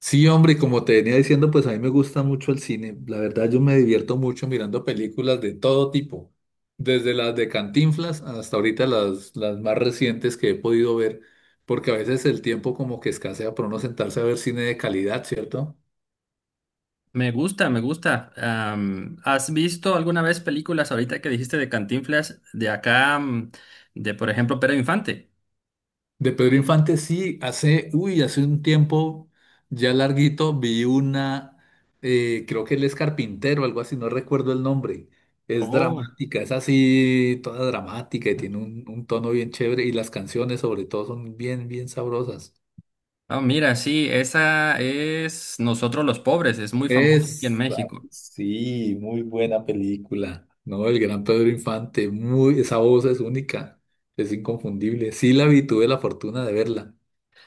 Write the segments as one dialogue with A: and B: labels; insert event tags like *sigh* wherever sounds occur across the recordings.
A: Sí, hombre, y como te venía diciendo, pues a mí me gusta mucho el cine. La verdad, yo me divierto mucho mirando películas de todo tipo, desde las de Cantinflas hasta ahorita las más recientes que he podido ver, porque a veces el tiempo como que escasea para uno sentarse a ver cine de calidad, ¿cierto?
B: Me gusta, me gusta. ¿Has visto alguna vez películas ahorita que dijiste de Cantinflas de acá, de por ejemplo Pedro Infante?
A: De Pedro Infante sí, hace, uy, hace un tiempo ya larguito vi una, creo que él es carpintero, algo así, no recuerdo el nombre. Es
B: Oh,
A: dramática, es así, toda dramática y tiene un tono bien chévere y las canciones sobre todo son bien, bien sabrosas.
B: Mira, sí, esa es Nosotros los Pobres, es muy famosa aquí en
A: Es, ah,
B: México.
A: sí, muy buena película, ¿no? El gran Pedro Infante, muy, esa voz es única, es inconfundible. Sí la vi, tuve la fortuna de verla.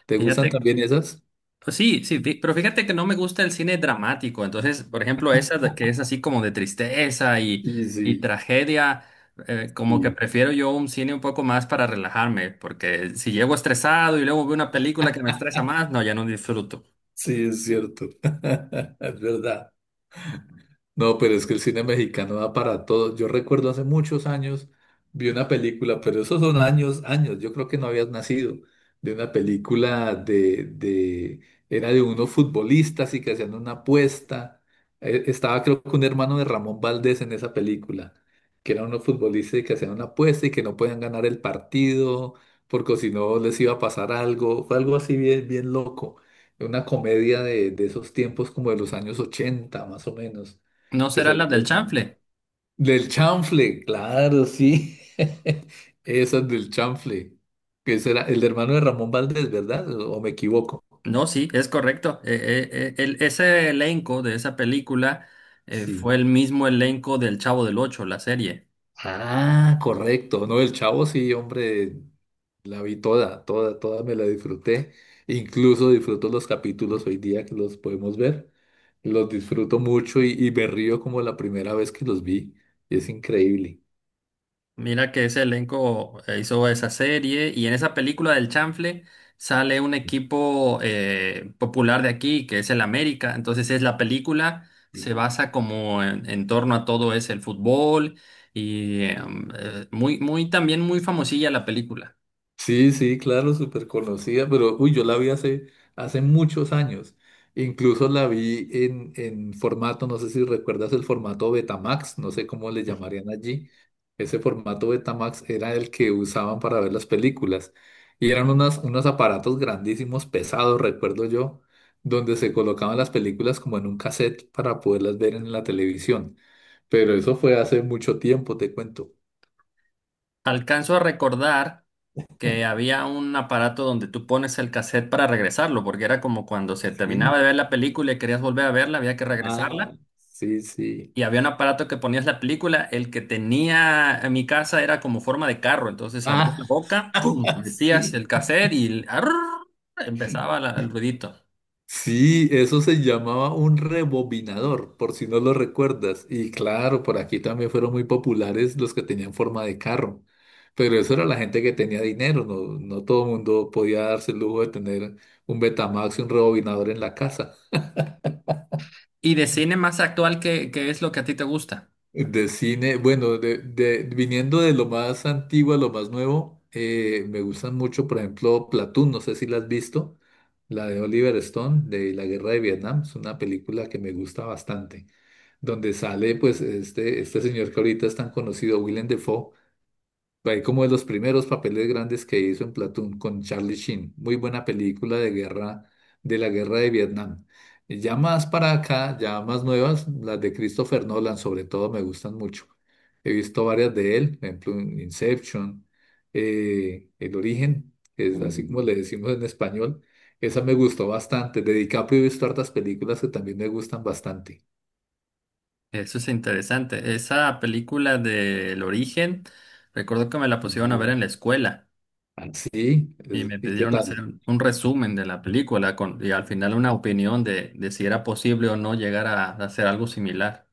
A: ¿Te gustan
B: Fíjate
A: también esas?
B: Pues Sí, sí, pero fíjate que no me gusta el cine dramático. Entonces, por ejemplo, que es así como de tristeza
A: Sí,
B: y
A: sí.
B: tragedia. Como que
A: Sí.
B: prefiero yo un cine un poco más para relajarme, porque si llego estresado y luego veo una película que me estresa más, no, ya no disfruto.
A: Sí, es cierto. *laughs* Es verdad. No, pero es que el cine mexicano da para todo. Yo recuerdo hace muchos años vi una película, pero esos son años, años. Yo creo que no habías nacido. De una película de, era de unos futbolistas y que hacían una apuesta. Estaba creo que un hermano de Ramón Valdés en esa película, que eran unos futbolistas y que hacían una apuesta y que no podían ganar el partido porque si no les iba a pasar algo. Fue algo así bien, bien loco. Una comedia de esos tiempos como de los años 80 más o menos
B: ¿No
A: que
B: será
A: salió
B: la del chanfle?
A: del chanfle, claro, sí. *laughs* Esas del chanfle, que será el hermano de Ramón Valdés, ¿verdad? ¿O me equivoco?
B: No, sí, es correcto. Ese elenco de esa película
A: Sí.
B: fue el mismo elenco del Chavo del Ocho, la serie.
A: Ah, correcto. No, el Chavo sí, hombre, la vi toda, toda, toda me la disfruté. Incluso disfruto los capítulos hoy día que los podemos ver. Los disfruto mucho y me río como la primera vez que los vi. Es increíble.
B: Mira que ese elenco hizo esa serie y en esa película del Chanfle sale un equipo popular de aquí, que es el América. Entonces es la película, se basa como en torno a todo es el fútbol y muy, también muy famosilla la película.
A: Sí, sí, claro, súper conocida, pero uy, yo la vi hace, hace muchos años. Incluso la vi en formato, no sé si recuerdas el formato Betamax, no sé cómo le llamarían allí. Ese formato Betamax era el que usaban para ver las películas. Y eran unas, unos aparatos grandísimos, pesados, recuerdo yo, donde se colocaban las películas como en un cassette para poderlas ver en la televisión. Pero eso fue hace mucho tiempo, te cuento.
B: Alcanzo a recordar que había un aparato donde tú pones el cassette para regresarlo, porque era como cuando se terminaba
A: Sí.
B: de ver la película y querías volver a verla, había que
A: Ah,
B: regresarla.
A: sí, sí.
B: Y había un aparato que ponías la película, el que tenía en mi casa era como forma de carro, entonces abrías la
A: *laughs* Ah.
B: boca, ¡pum!, metías
A: Sí.
B: el cassette y empezaba el ruidito.
A: Sí, eso se llamaba un rebobinador, por si no lo recuerdas. Y claro, por aquí también fueron muy populares los que tenían forma de carro. Pero eso era la gente que tenía dinero, no, no todo el mundo podía darse el lujo de tener un Betamax y un rebobinador en la casa.
B: Y de cine más actual, qué es lo que a ti te gusta?
A: De cine, bueno, viniendo de lo más antiguo a lo más nuevo, me gustan mucho, por ejemplo, Platoon, no sé si la has visto, la de Oliver Stone, de la Guerra de Vietnam, es una película que me gusta bastante. Donde sale pues este señor que ahorita es tan conocido, Willem Dafoe, ahí como de los primeros papeles grandes que hizo en Platoon con Charlie Sheen, muy buena película de guerra, de la guerra de Vietnam. Y ya más para acá, ya más nuevas, las de Christopher Nolan sobre todo me gustan mucho. He visto varias de él, por ejemplo Inception, El Origen, que es así como le decimos en español. Esa me gustó bastante. De DiCaprio he visto hartas películas que también me gustan bastante.
B: Eso es interesante. Esa película de El Origen, recuerdo que me la pusieron a ver en la escuela
A: Ah, sí,
B: y
A: es-
B: me
A: ¿y qué
B: pidieron hacer
A: tal?
B: un resumen de la película con, y al final una opinión de si era posible o no llegar a hacer algo similar.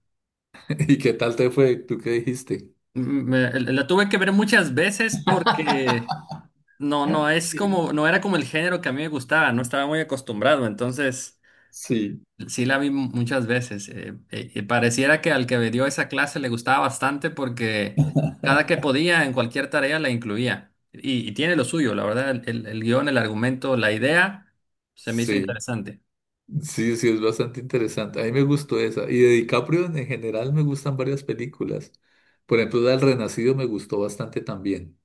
A: *laughs* ¿Y qué tal te fue? ¿Tú qué dijiste?
B: La tuve que ver muchas veces porque
A: *laughs*
B: no, no es
A: Sí.
B: como, no era como el género que a mí me gustaba, no estaba muy acostumbrado, entonces
A: Sí,
B: sí la vi muchas veces. Y pareciera que al que me dio esa clase le gustaba bastante porque cada que podía en cualquier tarea la incluía. Y tiene lo suyo, la verdad, el guión, el argumento, la idea se me hizo
A: sí,
B: interesante.
A: sí, sí, es bastante interesante. A mí me gustó esa. Y de DiCaprio en general me gustan varias películas. Por ejemplo, la del Renacido me gustó bastante también.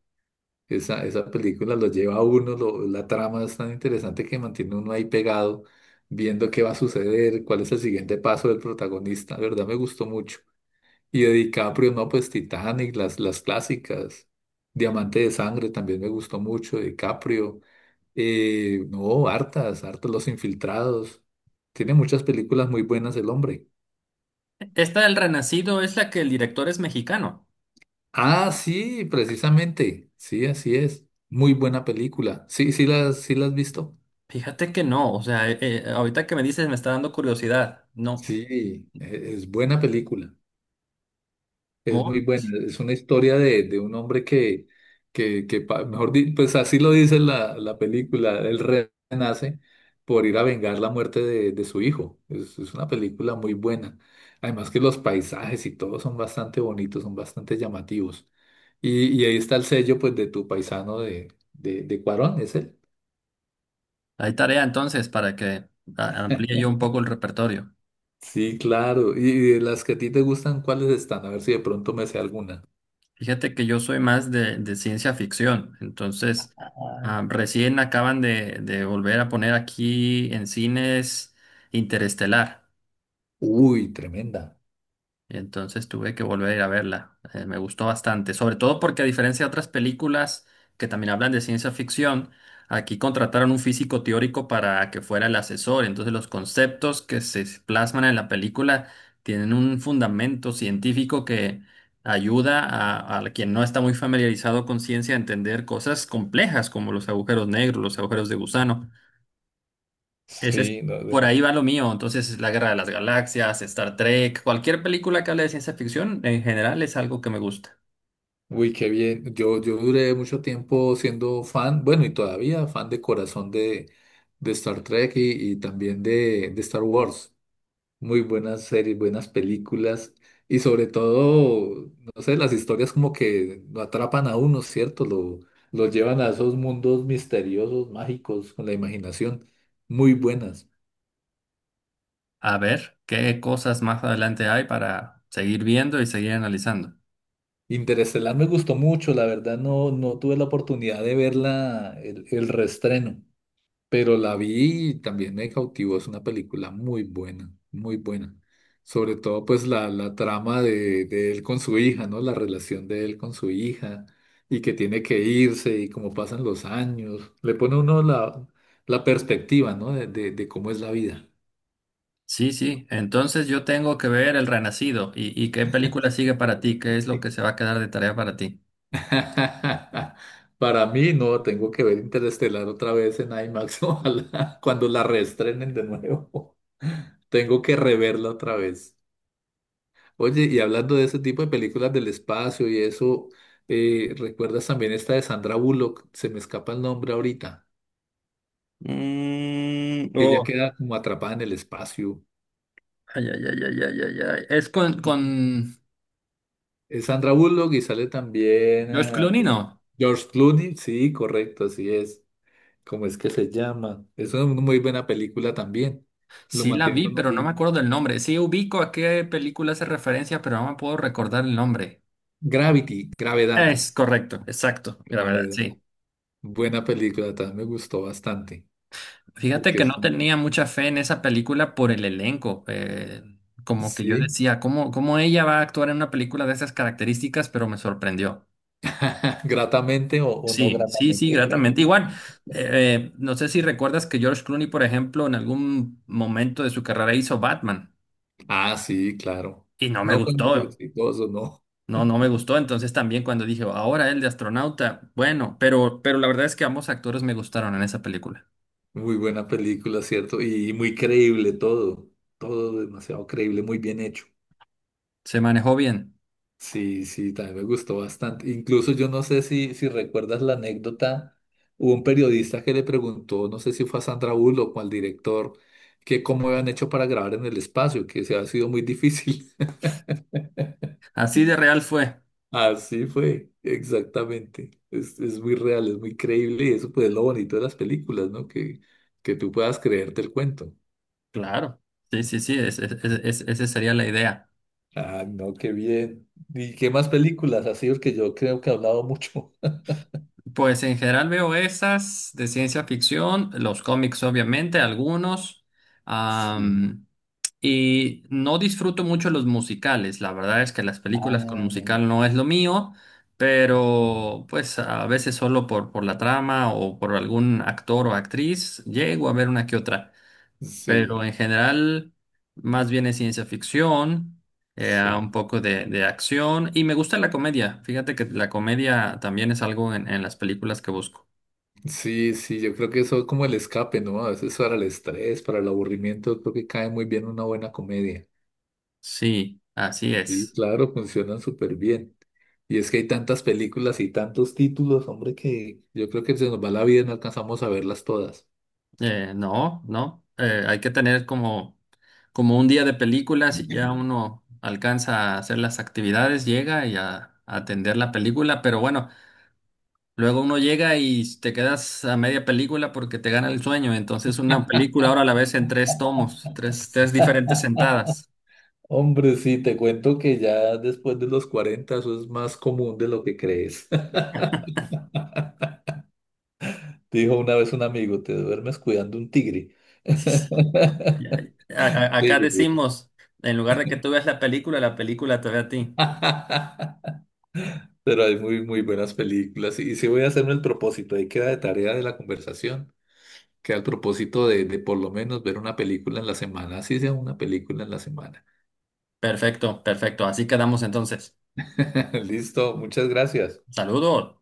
A: Esa película lo lleva a uno, lo- la trama es tan interesante que mantiene uno ahí pegado, viendo qué va a suceder, cuál es el siguiente paso del protagonista. La verdad me gustó mucho. Y de DiCaprio, no, pues Titanic, las clásicas. Diamante de Sangre también me gustó mucho, de DiCaprio. No, hartas, hartas Los Infiltrados. Tiene muchas películas muy buenas el hombre.
B: Esta del Renacido es la que el director es mexicano.
A: Ah, sí, precisamente. Sí, así es. Muy buena película. Sí las has visto.
B: Fíjate que no, o sea, ahorita que me dices me está dando curiosidad. No.
A: Sí, e- es buena película. Es
B: Oh,
A: muy buena,
B: pues,
A: es una historia de un hombre que pa- mejor di- pues así lo dice la película, él renace por ir a vengar la muerte de su hijo. Es una película muy buena. Además que los paisajes y todo son bastante bonitos, son bastante llamativos. Y ahí está el sello pues de tu paisano de Cuarón, ¿es él?
B: Hay tarea entonces para que amplíe yo un poco
A: *laughs*
B: el repertorio.
A: Sí, claro. Y de las que a ti te gustan, ¿cuáles están? A ver si de pronto me sé alguna.
B: Fíjate que yo soy más de ciencia ficción, entonces
A: Ah.
B: recién acaban de volver a poner aquí en cines Interestelar.
A: Uy, tremenda.
B: Entonces tuve que volver a ir a verla. Me gustó bastante, sobre todo porque a diferencia de otras películas que también hablan de ciencia ficción, aquí contrataron un físico teórico para que fuera el asesor. Entonces los conceptos que se plasman en la película tienen un fundamento científico que ayuda a quien no está muy familiarizado con ciencia a entender cosas complejas como los agujeros negros, los agujeros de gusano. Ese es,
A: Sí, no,
B: por ahí va lo mío. Entonces, La Guerra de las Galaxias, Star Trek, cualquier película que hable de ciencia ficción, en general es algo que me gusta.
A: uy, qué bien. Yo duré mucho tiempo siendo fan, bueno, y todavía fan de corazón de Star Trek y también de Star Wars. Muy buenas series, buenas películas y sobre todo, no sé, las historias como que lo atrapan a uno, ¿cierto? Lo llevan a esos mundos misteriosos, mágicos, con la imaginación. Muy buenas.
B: A ver qué cosas más adelante hay para seguir viendo y seguir analizando.
A: Interestelar me gustó mucho, la verdad no, no tuve la oportunidad de verla, el reestreno. Pero la vi y también me cautivó. Es una película muy buena, muy buena. Sobre todo, pues, la trama de él con su hija, ¿no? La relación de él con su hija y que tiene que irse y cómo pasan los años. Le pone a uno la perspectiva, ¿no? De cómo es la vida.
B: Sí, sí. Entonces yo tengo que ver El Renacido. Y qué película sigue para ti? ¿Qué es lo que se va a quedar de tarea para ti?
A: *laughs* Para mí, no, tengo que ver Interestelar otra vez en IMAX, *laughs* ojalá, cuando la reestrenen de nuevo. *laughs* Tengo que reverla otra vez. Oye, y hablando de ese tipo de películas del espacio y eso, ¿recuerdas también esta de Sandra Bullock? Se me escapa el nombre ahorita,
B: Mm,
A: que ella
B: oh,
A: queda como atrapada en el espacio.
B: Ay, ay, ay, ay, ay, ay, ay. Es con
A: Es Sandra Bullock y sale también
B: George
A: ah,
B: Clooney, ¿no?
A: George Clooney, sí, correcto, así es. ¿Cómo es que se llama? Es una muy buena película también. Lo
B: Sí la vi,
A: mantiene uno
B: pero no me
A: ahí.
B: acuerdo del nombre. Sí ubico a qué película hace referencia, pero no me puedo recordar el nombre.
A: Gravity, Gravedad,
B: Es correcto, exacto, Gravedad,
A: Gravedad.
B: sí.
A: Buena película, también me gustó bastante.
B: Fíjate
A: Porque
B: que no
A: son
B: tenía mucha fe en esa película por el elenco. Como que yo
A: sí.
B: decía, cómo ella va a actuar en una película de esas características? Pero me sorprendió.
A: *laughs* Gratamente o no
B: Sí, sí, sí,
A: gratamente.
B: gratamente. Igual,
A: *laughs*
B: no sé si recuerdas que George Clooney, por ejemplo, en algún momento de su carrera hizo Batman
A: Ah, sí, claro.
B: y no me
A: No, fue muy
B: gustó.
A: exitoso, no.
B: No, no me gustó. Entonces también cuando dije, ahora el de astronauta, bueno, pero la verdad es que ambos actores me gustaron en esa película.
A: Muy buena película, ¿cierto? Y, muy creíble todo. Todo demasiado creíble, muy bien hecho.
B: Se manejó bien.
A: Sí, sí, también me gustó bastante. Incluso yo no sé si, si recuerdas la anécdota, hubo un periodista que le preguntó, no sé si fue a Sandra Bullock o al director, que cómo habían hecho para grabar en el espacio, que se ha sido muy difícil.
B: Así de real fue.
A: Así fue, exactamente. Es muy real, es muy creíble y eso pues es lo bonito de las películas, ¿no? Que tú puedas creerte el cuento.
B: Claro. Sí, sí, sí, esa sería la idea.
A: Ah, no, qué bien. ¿Y qué más películas? Así porque yo creo que he hablado mucho. *laughs*
B: Pues en general veo esas de ciencia ficción, los cómics obviamente, algunos.
A: Sí.
B: Y no disfruto mucho los musicales. La verdad es que las películas con
A: Ah,
B: musical no es lo mío, pero pues a veces solo por la trama o por algún actor o actriz llego a ver una que otra. Pero
A: sí,
B: en general, más bien es ciencia ficción,
A: sí.
B: un poco de acción y me gusta la comedia. Fíjate que la comedia también es algo en las películas que busco.
A: Sí, sí, yo creo que eso es como el escape, ¿no? A veces para el estrés, para el aburrimiento, creo que cae muy bien una buena comedia.
B: Sí, así
A: Sí,
B: es.
A: claro, *laughs* funcionan súper bien. Y es que hay tantas películas y tantos títulos, hombre, que yo creo que se nos va la vida y no alcanzamos a verlas todas.
B: No, no. Hay que tener como, como un día de películas y ya
A: *laughs*
B: uno alcanza a hacer las actividades, llega a atender la película, pero bueno, luego uno llega y te quedas a media película porque te gana el sueño. Entonces una película ahora la ves en tres tomos, tres diferentes sentadas.
A: Hombre, sí, te cuento que ya después de los 40 eso es más común de lo que crees. *laughs* Dijo una vez un amigo, te duermes cuidando un tigre.
B: *laughs* Y
A: *laughs*
B: acá
A: Sí.
B: decimos, en lugar de que tú veas la película te ve a ti.
A: *laughs* Pero hay muy, muy buenas películas. Y sí voy a hacerme el propósito, ahí queda de tarea de la conversación, que al propósito de por lo menos ver una película en la semana, así sea una película en la semana.
B: Perfecto, perfecto. Así quedamos entonces.
A: *laughs* Listo, muchas gracias.
B: Saludos.